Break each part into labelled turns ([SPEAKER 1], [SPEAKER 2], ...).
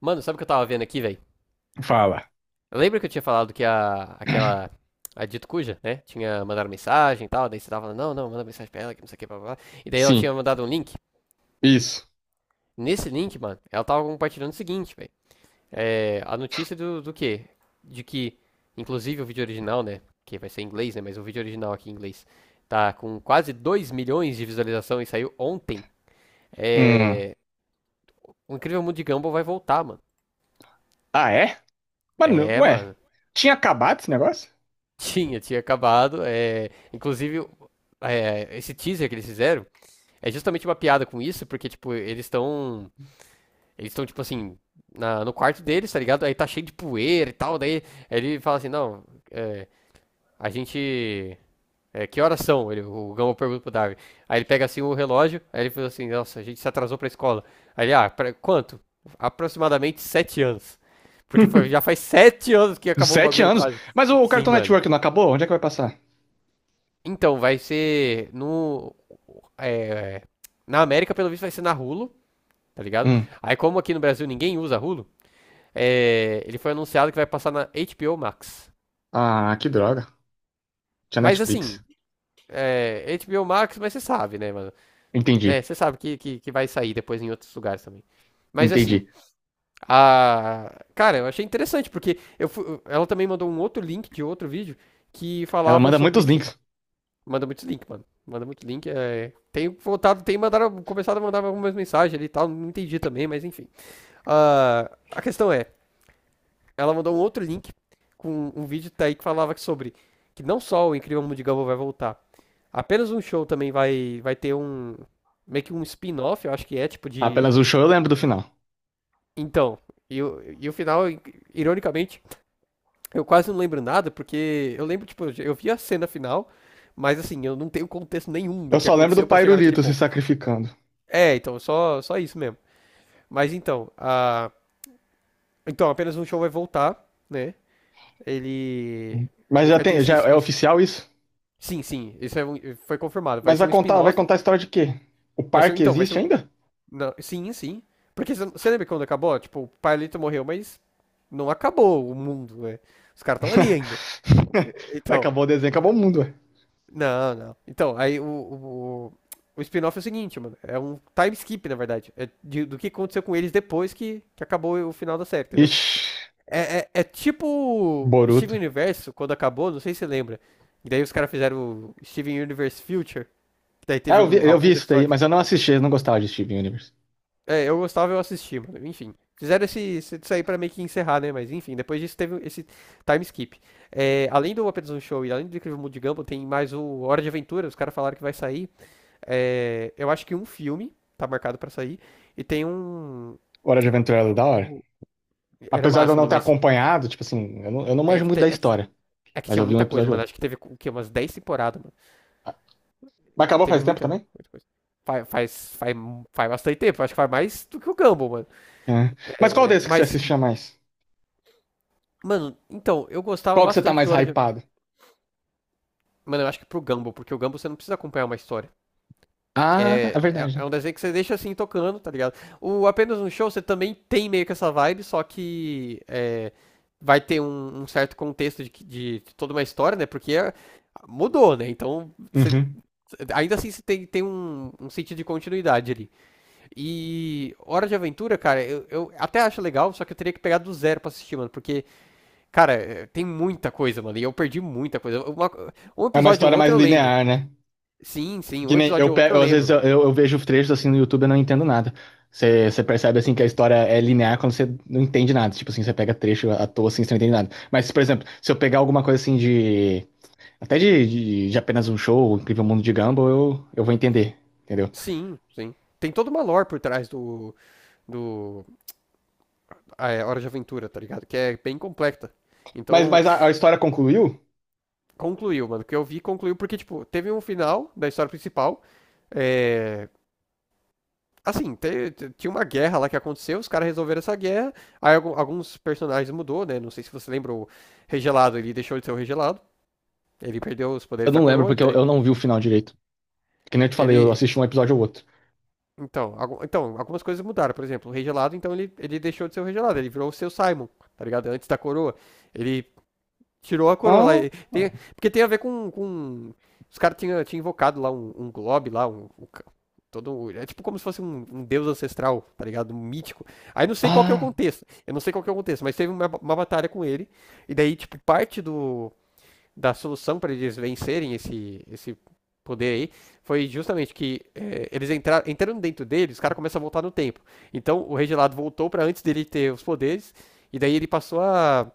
[SPEAKER 1] Mano, sabe o que eu tava vendo aqui, velho?
[SPEAKER 2] Fala.
[SPEAKER 1] Lembra que eu tinha falado que a Dito Cuja, né? Tinha mandado mensagem e tal, daí você tava falando, não, não, manda mensagem pra ela, que não sei o que, blá, blá, blá. E daí ela tinha
[SPEAKER 2] Sim,
[SPEAKER 1] mandado um link.
[SPEAKER 2] isso.
[SPEAKER 1] Nesse link, mano, ela tava compartilhando o seguinte, velho. É, a notícia do quê? De que, inclusive o vídeo original, né? Que vai ser em inglês, né? Mas o vídeo original aqui em inglês tá com quase 2 milhões de visualização e saiu ontem.
[SPEAKER 2] Hum.
[SPEAKER 1] É, o Incrível Mundo de Gumball vai voltar, mano.
[SPEAKER 2] Ah, é? Mano,
[SPEAKER 1] É,
[SPEAKER 2] ué.
[SPEAKER 1] mano.
[SPEAKER 2] Tinha acabado esse negócio?
[SPEAKER 1] Tinha acabado. É, inclusive, é, esse teaser que eles fizeram é justamente uma piada com isso, porque, tipo, eles estão. Eles estão, tipo assim, no quarto deles, tá ligado? Aí tá cheio de poeira e tal. Daí ele fala assim: não, é, a gente. É, que horas são? O Gama pergunta pro Darwin. Aí ele pega assim o relógio, aí ele fala assim: nossa, a gente se atrasou pra escola. Aí ele, ah, quanto? Aproximadamente 7 anos. Porque já faz 7 anos que acabou o
[SPEAKER 2] Sete
[SPEAKER 1] bagulho
[SPEAKER 2] anos.
[SPEAKER 1] quase.
[SPEAKER 2] Mas o
[SPEAKER 1] Sim,
[SPEAKER 2] Cartoon
[SPEAKER 1] mano.
[SPEAKER 2] Network não acabou? Onde é que vai passar?
[SPEAKER 1] Então, vai ser no. é, na América, pelo visto, vai ser na Hulu, tá ligado?
[SPEAKER 2] Hum.
[SPEAKER 1] Aí, como aqui no Brasil ninguém usa Hulu, é, ele foi anunciado que vai passar na HBO Max.
[SPEAKER 2] Ah, que droga. Tinha
[SPEAKER 1] Mas assim,
[SPEAKER 2] Netflix.
[SPEAKER 1] é, HBO Max, mas você sabe, né, mano?
[SPEAKER 2] Entendi,
[SPEAKER 1] Né, você sabe que vai sair depois em outros lugares também. Mas assim,
[SPEAKER 2] entendi.
[SPEAKER 1] a. Cara, eu achei interessante, porque ela também mandou um outro link de outro vídeo que
[SPEAKER 2] Ela
[SPEAKER 1] falava
[SPEAKER 2] manda
[SPEAKER 1] sobre
[SPEAKER 2] muitos
[SPEAKER 1] que
[SPEAKER 2] links.
[SPEAKER 1] Manda muitos links, mano. Manda muito link. É... Tem voltado, tem mandaram, começado a mandar algumas mensagens ali e tal. Não entendi também, mas enfim. Ah, a questão é, ela mandou um outro link com um vídeo tá aí que falava sobre que não só o Incrível Mundo de Gumball vai voltar, apenas um show também vai ter um meio que um spin-off, eu acho que é tipo de
[SPEAKER 2] Apenas o show eu lembro do final.
[SPEAKER 1] então. E o final, ironicamente, eu quase não lembro nada, porque eu lembro, tipo, eu vi a cena final, mas assim, eu não tenho contexto nenhum do
[SPEAKER 2] Eu
[SPEAKER 1] que
[SPEAKER 2] só lembro do
[SPEAKER 1] aconteceu pra chegar naquele
[SPEAKER 2] Pairulito se
[SPEAKER 1] ponto.
[SPEAKER 2] sacrificando.
[SPEAKER 1] É, então, só, só isso mesmo. Mas então, então, apenas um show vai voltar, né? Ele,
[SPEAKER 2] Hum. Mas
[SPEAKER 1] ele vai ter
[SPEAKER 2] já é oficial isso?
[SPEAKER 1] Sim, sim, isso é um- foi confirmado. Vai
[SPEAKER 2] Mas vai
[SPEAKER 1] ser um
[SPEAKER 2] contar, vai
[SPEAKER 1] spin-off.
[SPEAKER 2] contar a história de quê? O
[SPEAKER 1] Vai ser,
[SPEAKER 2] parque
[SPEAKER 1] então, vai ser
[SPEAKER 2] existe
[SPEAKER 1] um...
[SPEAKER 2] ainda?
[SPEAKER 1] não, sim, sim. Porque você lembra quando acabou? Tipo, o Pailito morreu, mas não acabou o mundo, né? Os caras estão ali ainda.
[SPEAKER 2] Ué,
[SPEAKER 1] Então,
[SPEAKER 2] acabou o desenho, acabou o mundo, ué.
[SPEAKER 1] não, não. Então, aí o, o spin-off é o seguinte, mano. É um time skip, na verdade. É do que aconteceu com eles depois que acabou o final da série, entendeu?
[SPEAKER 2] Ixi,
[SPEAKER 1] É tipo
[SPEAKER 2] Boruto.
[SPEAKER 1] Steven Universe quando acabou, não sei se você lembra. E daí os caras fizeram o Steven Universe Future, que daí
[SPEAKER 2] É,
[SPEAKER 1] teve
[SPEAKER 2] eu vi, eu vi
[SPEAKER 1] alguns
[SPEAKER 2] isso daí,
[SPEAKER 1] episódios.
[SPEAKER 2] mas eu não assisti, eu não gostava de Steven Universe.
[SPEAKER 1] É, eu gostava, eu assisti, mano. Enfim. Fizeram isso aí pra meio que encerrar, né? Mas enfim, depois disso teve esse time skip. É, além do Apenas um Show e além do Incrível Mundo de Gumball, tem mais o Hora de Aventura, os caras falaram que vai sair. É, eu acho que um filme tá marcado pra sair. E tem um.
[SPEAKER 2] Hora de Aventura era da hora.
[SPEAKER 1] o- Era
[SPEAKER 2] Apesar de eu
[SPEAKER 1] massa,
[SPEAKER 2] não
[SPEAKER 1] mano,
[SPEAKER 2] ter
[SPEAKER 1] mas
[SPEAKER 2] acompanhado, tipo assim, eu não
[SPEAKER 1] é
[SPEAKER 2] manjo
[SPEAKER 1] que,
[SPEAKER 2] muito
[SPEAKER 1] te-
[SPEAKER 2] da história,
[SPEAKER 1] é que
[SPEAKER 2] mas
[SPEAKER 1] tinha
[SPEAKER 2] eu vi um
[SPEAKER 1] muita coisa,
[SPEAKER 2] episódio ou
[SPEAKER 1] mano. Acho
[SPEAKER 2] outro.
[SPEAKER 1] que teve o quê? Umas 10 temporadas, mano.
[SPEAKER 2] Ah, mas acabou
[SPEAKER 1] Teve
[SPEAKER 2] faz tempo
[SPEAKER 1] muita,
[SPEAKER 2] também?
[SPEAKER 1] muita coisa. Faz, faz, faz, faz bastante tempo, acho que faz mais do que o Gumball, mano.
[SPEAKER 2] É. Mas qual desses que você
[SPEAKER 1] Mas,
[SPEAKER 2] assistia mais?
[SPEAKER 1] mano, então, eu gostava
[SPEAKER 2] Qual que você tá
[SPEAKER 1] bastante
[SPEAKER 2] mais
[SPEAKER 1] do Hora de.
[SPEAKER 2] hypado?
[SPEAKER 1] Mano, eu acho que pro Gumball, porque o Gumball você não precisa acompanhar uma história.
[SPEAKER 2] Ah, é
[SPEAKER 1] É, é,
[SPEAKER 2] verdade.
[SPEAKER 1] é um
[SPEAKER 2] né?
[SPEAKER 1] desenho que você deixa assim tocando, tá ligado? O Apenas um Show você também tem meio que essa vibe, só que é, vai ter um, um certo contexto de toda uma história, né? Porque é- mudou, né? Então, você-
[SPEAKER 2] Uhum.
[SPEAKER 1] ainda assim você tem, tem um, um sentido de continuidade ali. E Hora de Aventura, cara, eu até acho legal, só que eu teria que pegar do zero pra assistir, mano. Porque, cara, é, tem muita coisa, mano. E eu perdi muita coisa. Uma- um
[SPEAKER 2] É uma
[SPEAKER 1] episódio ou
[SPEAKER 2] história
[SPEAKER 1] outro
[SPEAKER 2] mais
[SPEAKER 1] eu lembro.
[SPEAKER 2] linear, né?
[SPEAKER 1] Sim, sim,
[SPEAKER 2] Que
[SPEAKER 1] um
[SPEAKER 2] nem eu,
[SPEAKER 1] episódio ou outro eu
[SPEAKER 2] eu às vezes
[SPEAKER 1] lembro.
[SPEAKER 2] eu vejo trechos assim no YouTube e eu não entendo nada. Você percebe assim que a história é linear quando você não entende nada. Tipo assim, você pega trecho à toa assim, você não entende nada. Mas, por exemplo, se eu pegar alguma coisa assim de. Até de, Apenas um Show, O Incrível Mundo de Gumball, eu vou entender, entendeu?
[SPEAKER 1] Sim, sim. Tem toda uma lore por trás do ah, é, Hora de Aventura, tá ligado? Que é bem completa.
[SPEAKER 2] Mas,
[SPEAKER 1] Então,
[SPEAKER 2] mas a história concluiu?
[SPEAKER 1] concluiu, mano. O que eu vi concluiu porque, tipo, teve um final da história principal. É, assim, tinha uma guerra lá que aconteceu, os caras resolveram essa guerra, aí alguns personagens mudou, né? Não sei se você lembra o Regelado, ele deixou de ser o Regelado, ele perdeu os
[SPEAKER 2] Eu
[SPEAKER 1] poderes da
[SPEAKER 2] não lembro,
[SPEAKER 1] coroa,
[SPEAKER 2] porque
[SPEAKER 1] então
[SPEAKER 2] eu não vi o final direito. Que nem eu te falei, eu
[SPEAKER 1] ele...
[SPEAKER 2] assisti um episódio ou outro.
[SPEAKER 1] Então, então algumas coisas mudaram, por exemplo, o Regelado, então ele deixou de ser o Regelado, ele virou o seu Simon, tá ligado? Antes da coroa, ele tirou a coroa lá,
[SPEAKER 2] Ah,
[SPEAKER 1] e tem- porque tem a ver com... Os caras tinha invocado lá um globe lá, um Todo, é tipo como se fosse um deus ancestral, tá ligado? Um mítico. Aí não sei qual que é o
[SPEAKER 2] ah,
[SPEAKER 1] contexto. Eu não sei qual que é o contexto, mas teve uma batalha com ele. E daí, tipo, parte da solução para eles vencerem esse poder aí foi justamente que é, entrando dentro dele, os caras começam a voltar no tempo. Então o Rei Gelado voltou para antes dele ter os poderes. E daí ele passou a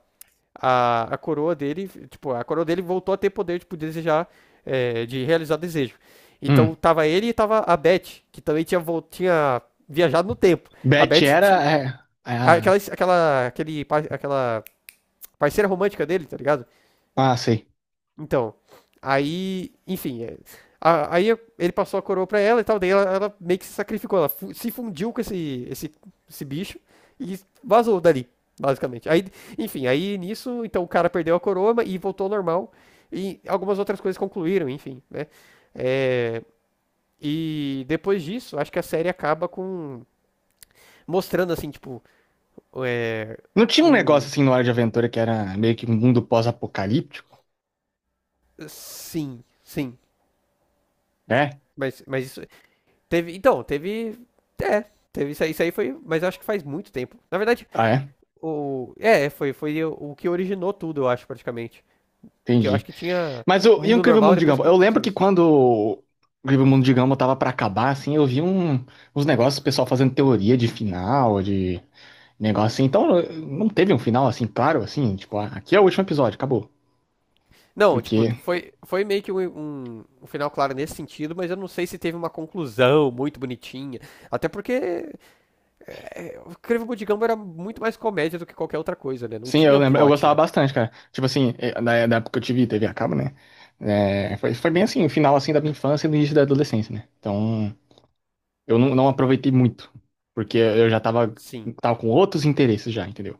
[SPEAKER 1] a, a coroa dele, tipo, a coroa dele voltou a ter poder tipo, de desejar, é, de realizar desejo. Então
[SPEAKER 2] hum.
[SPEAKER 1] tava ele e tava a Beth, que também tinha viajado no tempo. A
[SPEAKER 2] Beth
[SPEAKER 1] Beth tinha
[SPEAKER 2] era. É, é,
[SPEAKER 1] aquela,
[SPEAKER 2] ah,
[SPEAKER 1] aquela, aquele, par- aquela parceira romântica dele, tá ligado?
[SPEAKER 2] ah, sei.
[SPEAKER 1] Então, aí, enfim, é, aí ele passou a coroa pra ela e tal, daí ela meio que se sacrificou, ela se fundiu com esse bicho e vazou dali, basicamente. Aí, enfim, aí nisso, então o cara perdeu a coroa e voltou ao normal e algumas outras coisas concluíram, enfim, né? É, e depois disso, acho que a série acaba com mostrando assim, tipo, é,
[SPEAKER 2] Não tinha um negócio
[SPEAKER 1] num,
[SPEAKER 2] assim no Hora de Aventura que era meio que um mundo pós-apocalíptico?
[SPEAKER 1] sim, sim,
[SPEAKER 2] É?
[SPEAKER 1] mas isso, teve, então, teve. É, teve isso aí foi. Mas eu acho que faz muito tempo. Na verdade,
[SPEAKER 2] Ah, é?
[SPEAKER 1] o. É, foi o, que originou tudo, eu acho, praticamente. Porque eu acho
[SPEAKER 2] Entendi.
[SPEAKER 1] que tinha o
[SPEAKER 2] E o
[SPEAKER 1] mundo
[SPEAKER 2] Incrível
[SPEAKER 1] normal
[SPEAKER 2] Mundo de
[SPEAKER 1] depois que
[SPEAKER 2] Gumball? Eu lembro
[SPEAKER 1] aconteceu
[SPEAKER 2] que
[SPEAKER 1] isso.
[SPEAKER 2] quando o Incrível Mundo de Gumball tava pra acabar, assim, eu vi uns negócios, o pessoal fazendo teoria de final, de. Negócio assim. Então, não teve um final assim, claro, assim, tipo, ah, aqui é o último episódio, acabou.
[SPEAKER 1] Não, tipo,
[SPEAKER 2] Porque,
[SPEAKER 1] foi meio que um final claro nesse sentido, mas eu não sei se teve uma conclusão muito bonitinha. Até porque é, o Incrível Mundo de Gumball era muito mais comédia do que qualquer outra coisa, né? Não
[SPEAKER 2] sim, eu
[SPEAKER 1] tinha um
[SPEAKER 2] lembro, eu
[SPEAKER 1] plot,
[SPEAKER 2] gostava
[SPEAKER 1] né?
[SPEAKER 2] bastante, cara. Tipo assim, da época que eu tive TV a cabo, né? É, foi bem assim, o final assim da minha infância e do início da adolescência, né? Então, eu não aproveitei muito, porque eu já tava,
[SPEAKER 1] Sim,
[SPEAKER 2] tava com outros interesses já, entendeu?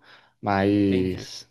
[SPEAKER 1] entendi.
[SPEAKER 2] Mas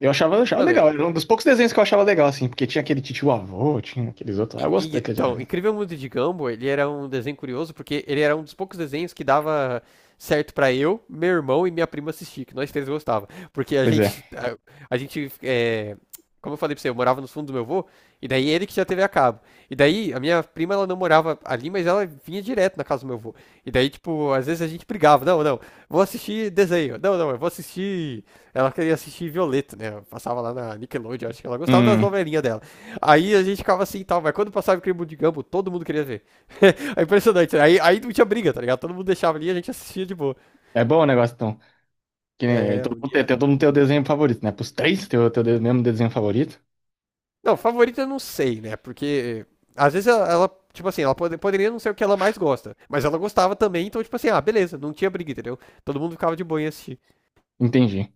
[SPEAKER 2] eu achava
[SPEAKER 1] Mano,
[SPEAKER 2] legal, era um dos poucos desenhos que eu achava legal, assim, porque tinha aquele titio avô, tinha aqueles outros lá, eu gostei. quer dizer,
[SPEAKER 1] Então, Incrível Mundo de Gumball, ele era um desenho curioso porque ele era um dos poucos desenhos que dava certo pra eu, meu irmão e minha prima assistir, que nós três gostava, porque a
[SPEAKER 2] pois é.
[SPEAKER 1] gente, a, a gente, é, como eu falei pra você, eu morava nos fundos do meu avô, e daí ele que já teve a cabo, e daí a minha prima ela não morava ali, mas ela vinha direto na casa do meu avô, e daí tipo às vezes a gente brigava, não, não, vou assistir desenho, não, não, eu vou assistir, ela queria assistir Violeta, né? Eu passava lá na Nickelodeon, acho que ela gostava das
[SPEAKER 2] Hum,
[SPEAKER 1] novelinhas dela. Aí a gente ficava assim e tal, mas quando passava aquele mundo de Gumball, todo mundo queria ver. É impressionante. Né? Aí, aí não tinha briga, tá ligado? Todo mundo deixava ali e a gente assistia de boa.
[SPEAKER 2] É bom o negócio, então. Que nem,
[SPEAKER 1] É,
[SPEAKER 2] todo
[SPEAKER 1] um
[SPEAKER 2] mundo tem,
[SPEAKER 1] dia.
[SPEAKER 2] todo mundo tem o desenho favorito, né? Pros três tem o mesmo desenho favorito.
[SPEAKER 1] Não, favorita eu não sei, né? Porque às vezes tipo assim, ela poderia não ser o que ela mais gosta, mas ela gostava também, então, tipo assim, ah, beleza, não tinha briga, entendeu? Todo mundo ficava de boa em assistir.
[SPEAKER 2] Entendi.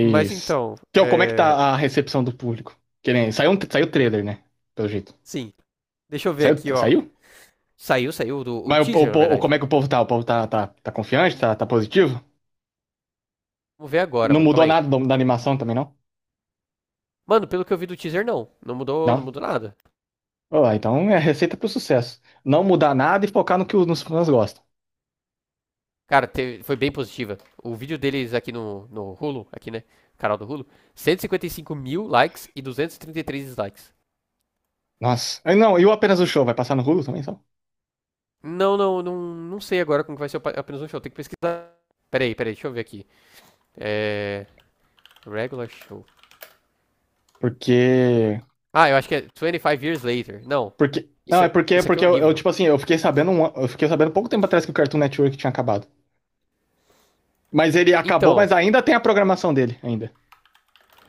[SPEAKER 1] Mas então,
[SPEAKER 2] Que, ó, como é que
[SPEAKER 1] é.
[SPEAKER 2] tá a recepção do público? Que nem, saiu o trailer, né? Pelo jeito.
[SPEAKER 1] Sim. Deixa eu ver
[SPEAKER 2] Saiu?
[SPEAKER 1] aqui, ó.
[SPEAKER 2] Saiu?
[SPEAKER 1] Saiu o teaser, na verdade.
[SPEAKER 2] Como é que o povo tá? O povo tá confiante? Tá positivo?
[SPEAKER 1] Vamos ver agora,
[SPEAKER 2] Não
[SPEAKER 1] mano,
[SPEAKER 2] mudou
[SPEAKER 1] calma aí.
[SPEAKER 2] nada da animação também, não?
[SPEAKER 1] Mano, pelo que eu vi do teaser, não. Não mudou, não
[SPEAKER 2] Não?
[SPEAKER 1] mudou nada.
[SPEAKER 2] Ó, então é receita pro sucesso. Não mudar nada e focar no que os nos fãs gostam.
[SPEAKER 1] Cara, foi bem positiva. O vídeo deles aqui no Hulu, aqui, né? Canal do Hulu, 155 mil likes e 233 dislikes.
[SPEAKER 2] Nossa. Ah, não, e o Apenas o Show? Vai passar no Hulu também, só?
[SPEAKER 1] Não sei agora como que vai ser o apenas um show. Tem que pesquisar. Peraí, peraí, deixa eu ver aqui. É. Regular show.
[SPEAKER 2] Porque
[SPEAKER 1] Ah, eu acho que é 25 Years Later. Não.
[SPEAKER 2] Porque. Não,
[SPEAKER 1] Isso,
[SPEAKER 2] é porque,
[SPEAKER 1] isso aqui é
[SPEAKER 2] porque
[SPEAKER 1] um
[SPEAKER 2] eu,
[SPEAKER 1] livro.
[SPEAKER 2] tipo assim, eu fiquei sabendo pouco tempo atrás que o Cartoon Network tinha acabado. Mas ele acabou,
[SPEAKER 1] Então.
[SPEAKER 2] mas ainda tem a programação dele, ainda.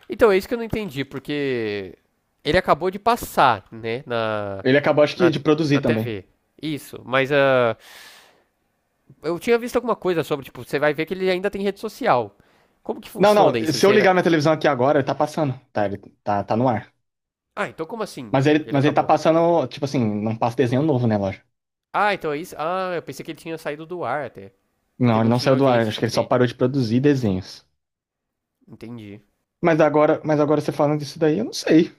[SPEAKER 1] Então, é isso que eu não entendi, porque. Ele acabou de passar, né? Na.
[SPEAKER 2] Ele acabou, acho que,
[SPEAKER 1] Na,
[SPEAKER 2] de produzir
[SPEAKER 1] na
[SPEAKER 2] também.
[SPEAKER 1] TV. Isso. Mas a. Eu tinha visto alguma coisa sobre, tipo, você vai ver que ele ainda tem rede social. Como que
[SPEAKER 2] Não, não,
[SPEAKER 1] funciona isso?
[SPEAKER 2] se eu
[SPEAKER 1] Será-
[SPEAKER 2] ligar minha televisão aqui agora, ele tá passando. Tá, ele tá no ar.
[SPEAKER 1] Ah, então como assim?
[SPEAKER 2] Mas ele,
[SPEAKER 1] Ele
[SPEAKER 2] mas ele tá
[SPEAKER 1] acabou.
[SPEAKER 2] passando, tipo assim, não passa desenho novo, né, lógico.
[SPEAKER 1] Ah, então é isso. Ah, eu pensei que ele tinha saído do ar até. Porque
[SPEAKER 2] Não, ele
[SPEAKER 1] não
[SPEAKER 2] não
[SPEAKER 1] tinha
[SPEAKER 2] saiu do ar,
[SPEAKER 1] audiência
[SPEAKER 2] acho que ele só
[SPEAKER 1] suficiente.
[SPEAKER 2] parou de produzir desenhos.
[SPEAKER 1] Entendi.
[SPEAKER 2] Mas agora você falando disso daí, eu não sei.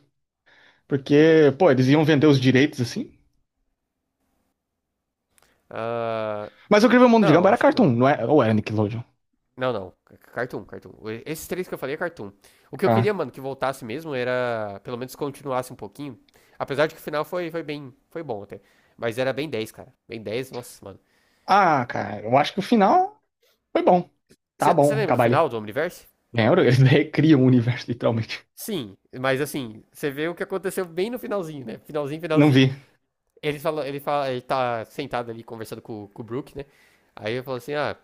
[SPEAKER 2] Porque, pô, eles iam vender os direitos assim.
[SPEAKER 1] Ah,
[SPEAKER 2] Mas o Incrível Mundo de Gumball
[SPEAKER 1] não,
[SPEAKER 2] era
[SPEAKER 1] acho que
[SPEAKER 2] Cartoon,
[SPEAKER 1] não.
[SPEAKER 2] não é? Ou era Nickelodeon?
[SPEAKER 1] Não, não. Cartoon. Esses três que eu falei é Cartoon. O que eu queria,
[SPEAKER 2] ah
[SPEAKER 1] mano, que voltasse mesmo era. Pelo menos continuasse um pouquinho. Apesar de que o final foi bem. Foi bom até. Mas era bem 10, cara. Bem 10, nossa, mano.
[SPEAKER 2] Ah, cara, eu acho que o final foi bom. Tá
[SPEAKER 1] Você
[SPEAKER 2] bom,
[SPEAKER 1] lembra do
[SPEAKER 2] acabar
[SPEAKER 1] final
[SPEAKER 2] ali.
[SPEAKER 1] do Omniverse?
[SPEAKER 2] Lembra? Eles recriam o universo, literalmente.
[SPEAKER 1] Sim, mas assim, você vê o que aconteceu bem no finalzinho, né? Finalzinho,
[SPEAKER 2] Não
[SPEAKER 1] finalzinho.
[SPEAKER 2] vi.
[SPEAKER 1] Ele tá sentado ali conversando com o Brook, né? Aí ele fala assim, ah,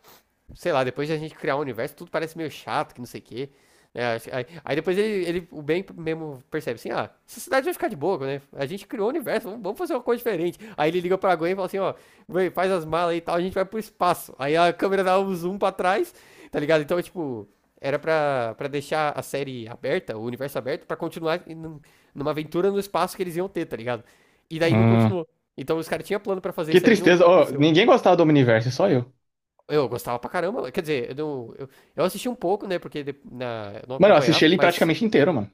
[SPEAKER 1] sei lá, depois de a gente criar um universo, tudo parece meio chato, que não sei o quê. Né? Aí depois o bem mesmo percebe assim, ah, essa cidade vai ficar de boa, né? A gente criou um universo, vamos fazer uma coisa diferente. Aí ele liga pra Gwen e fala assim, ó, Gwen, faz as malas aí e tal, a gente vai pro espaço. Aí a câmera dá um zoom pra trás, tá ligado? Então, tipo, era pra deixar a série aberta, o universo aberto, pra continuar numa aventura no espaço que eles iam ter, tá ligado? E daí não
[SPEAKER 2] Hum,
[SPEAKER 1] continuou. Então os caras tinham plano pra fazer
[SPEAKER 2] que
[SPEAKER 1] isso aí e não,
[SPEAKER 2] tristeza.
[SPEAKER 1] não
[SPEAKER 2] Ó,
[SPEAKER 1] aconteceu.
[SPEAKER 2] ninguém gostava do Omniverse, só eu.
[SPEAKER 1] Eu gostava pra caramba. Quer dizer, eu, não- eu assisti um pouco, né? Porque eu não
[SPEAKER 2] Mano, eu assisti
[SPEAKER 1] acompanhava,
[SPEAKER 2] ele
[SPEAKER 1] mas.
[SPEAKER 2] praticamente inteiro, mano.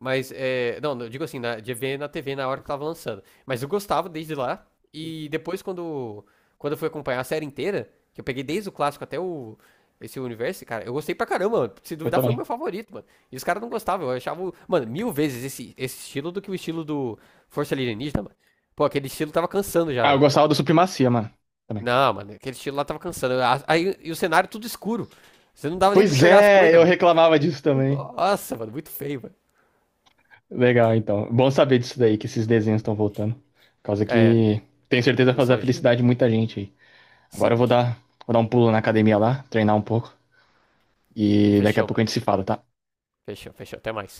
[SPEAKER 1] Mas, é, não, eu digo assim, de ver na TV na hora que tava lançando. Mas eu gostava desde lá. E depois, quando eu fui acompanhar a série inteira, que eu peguei desde o clássico até o, esse universo, cara, eu gostei pra caramba, mano. Se
[SPEAKER 2] Eu
[SPEAKER 1] duvidar, foi o meu
[SPEAKER 2] também.
[SPEAKER 1] favorito, mano. E os caras não gostavam. Eu achava, mano, mil vezes esse estilo do que o estilo do Força Alienígena, mano. Pô, aquele estilo tava cansando já,
[SPEAKER 2] Ah, eu
[SPEAKER 1] velho.
[SPEAKER 2] gostava do Supremacia, mano. Também.
[SPEAKER 1] Não, mano, aquele estilo lá tava cansando. Aí, e o cenário tudo escuro. Você não dava nem pra
[SPEAKER 2] Pois
[SPEAKER 1] chegar as
[SPEAKER 2] é,
[SPEAKER 1] coisas,
[SPEAKER 2] eu
[SPEAKER 1] mano.
[SPEAKER 2] reclamava disso também.
[SPEAKER 1] Nossa, mano, muito feio, mano.
[SPEAKER 2] Legal, então. Bom saber disso daí, que esses desenhos estão voltando. Por causa
[SPEAKER 1] É,
[SPEAKER 2] que tenho certeza vai fazer a
[SPEAKER 1] nostalgia.
[SPEAKER 2] felicidade de muita gente aí. Agora
[SPEAKER 1] Sim.
[SPEAKER 2] eu vou dar um pulo na academia lá, treinar um pouco. E daqui a
[SPEAKER 1] Fechou,
[SPEAKER 2] pouco a
[SPEAKER 1] mano.
[SPEAKER 2] gente se fala, tá?
[SPEAKER 1] Fechou, fechou. Até mais.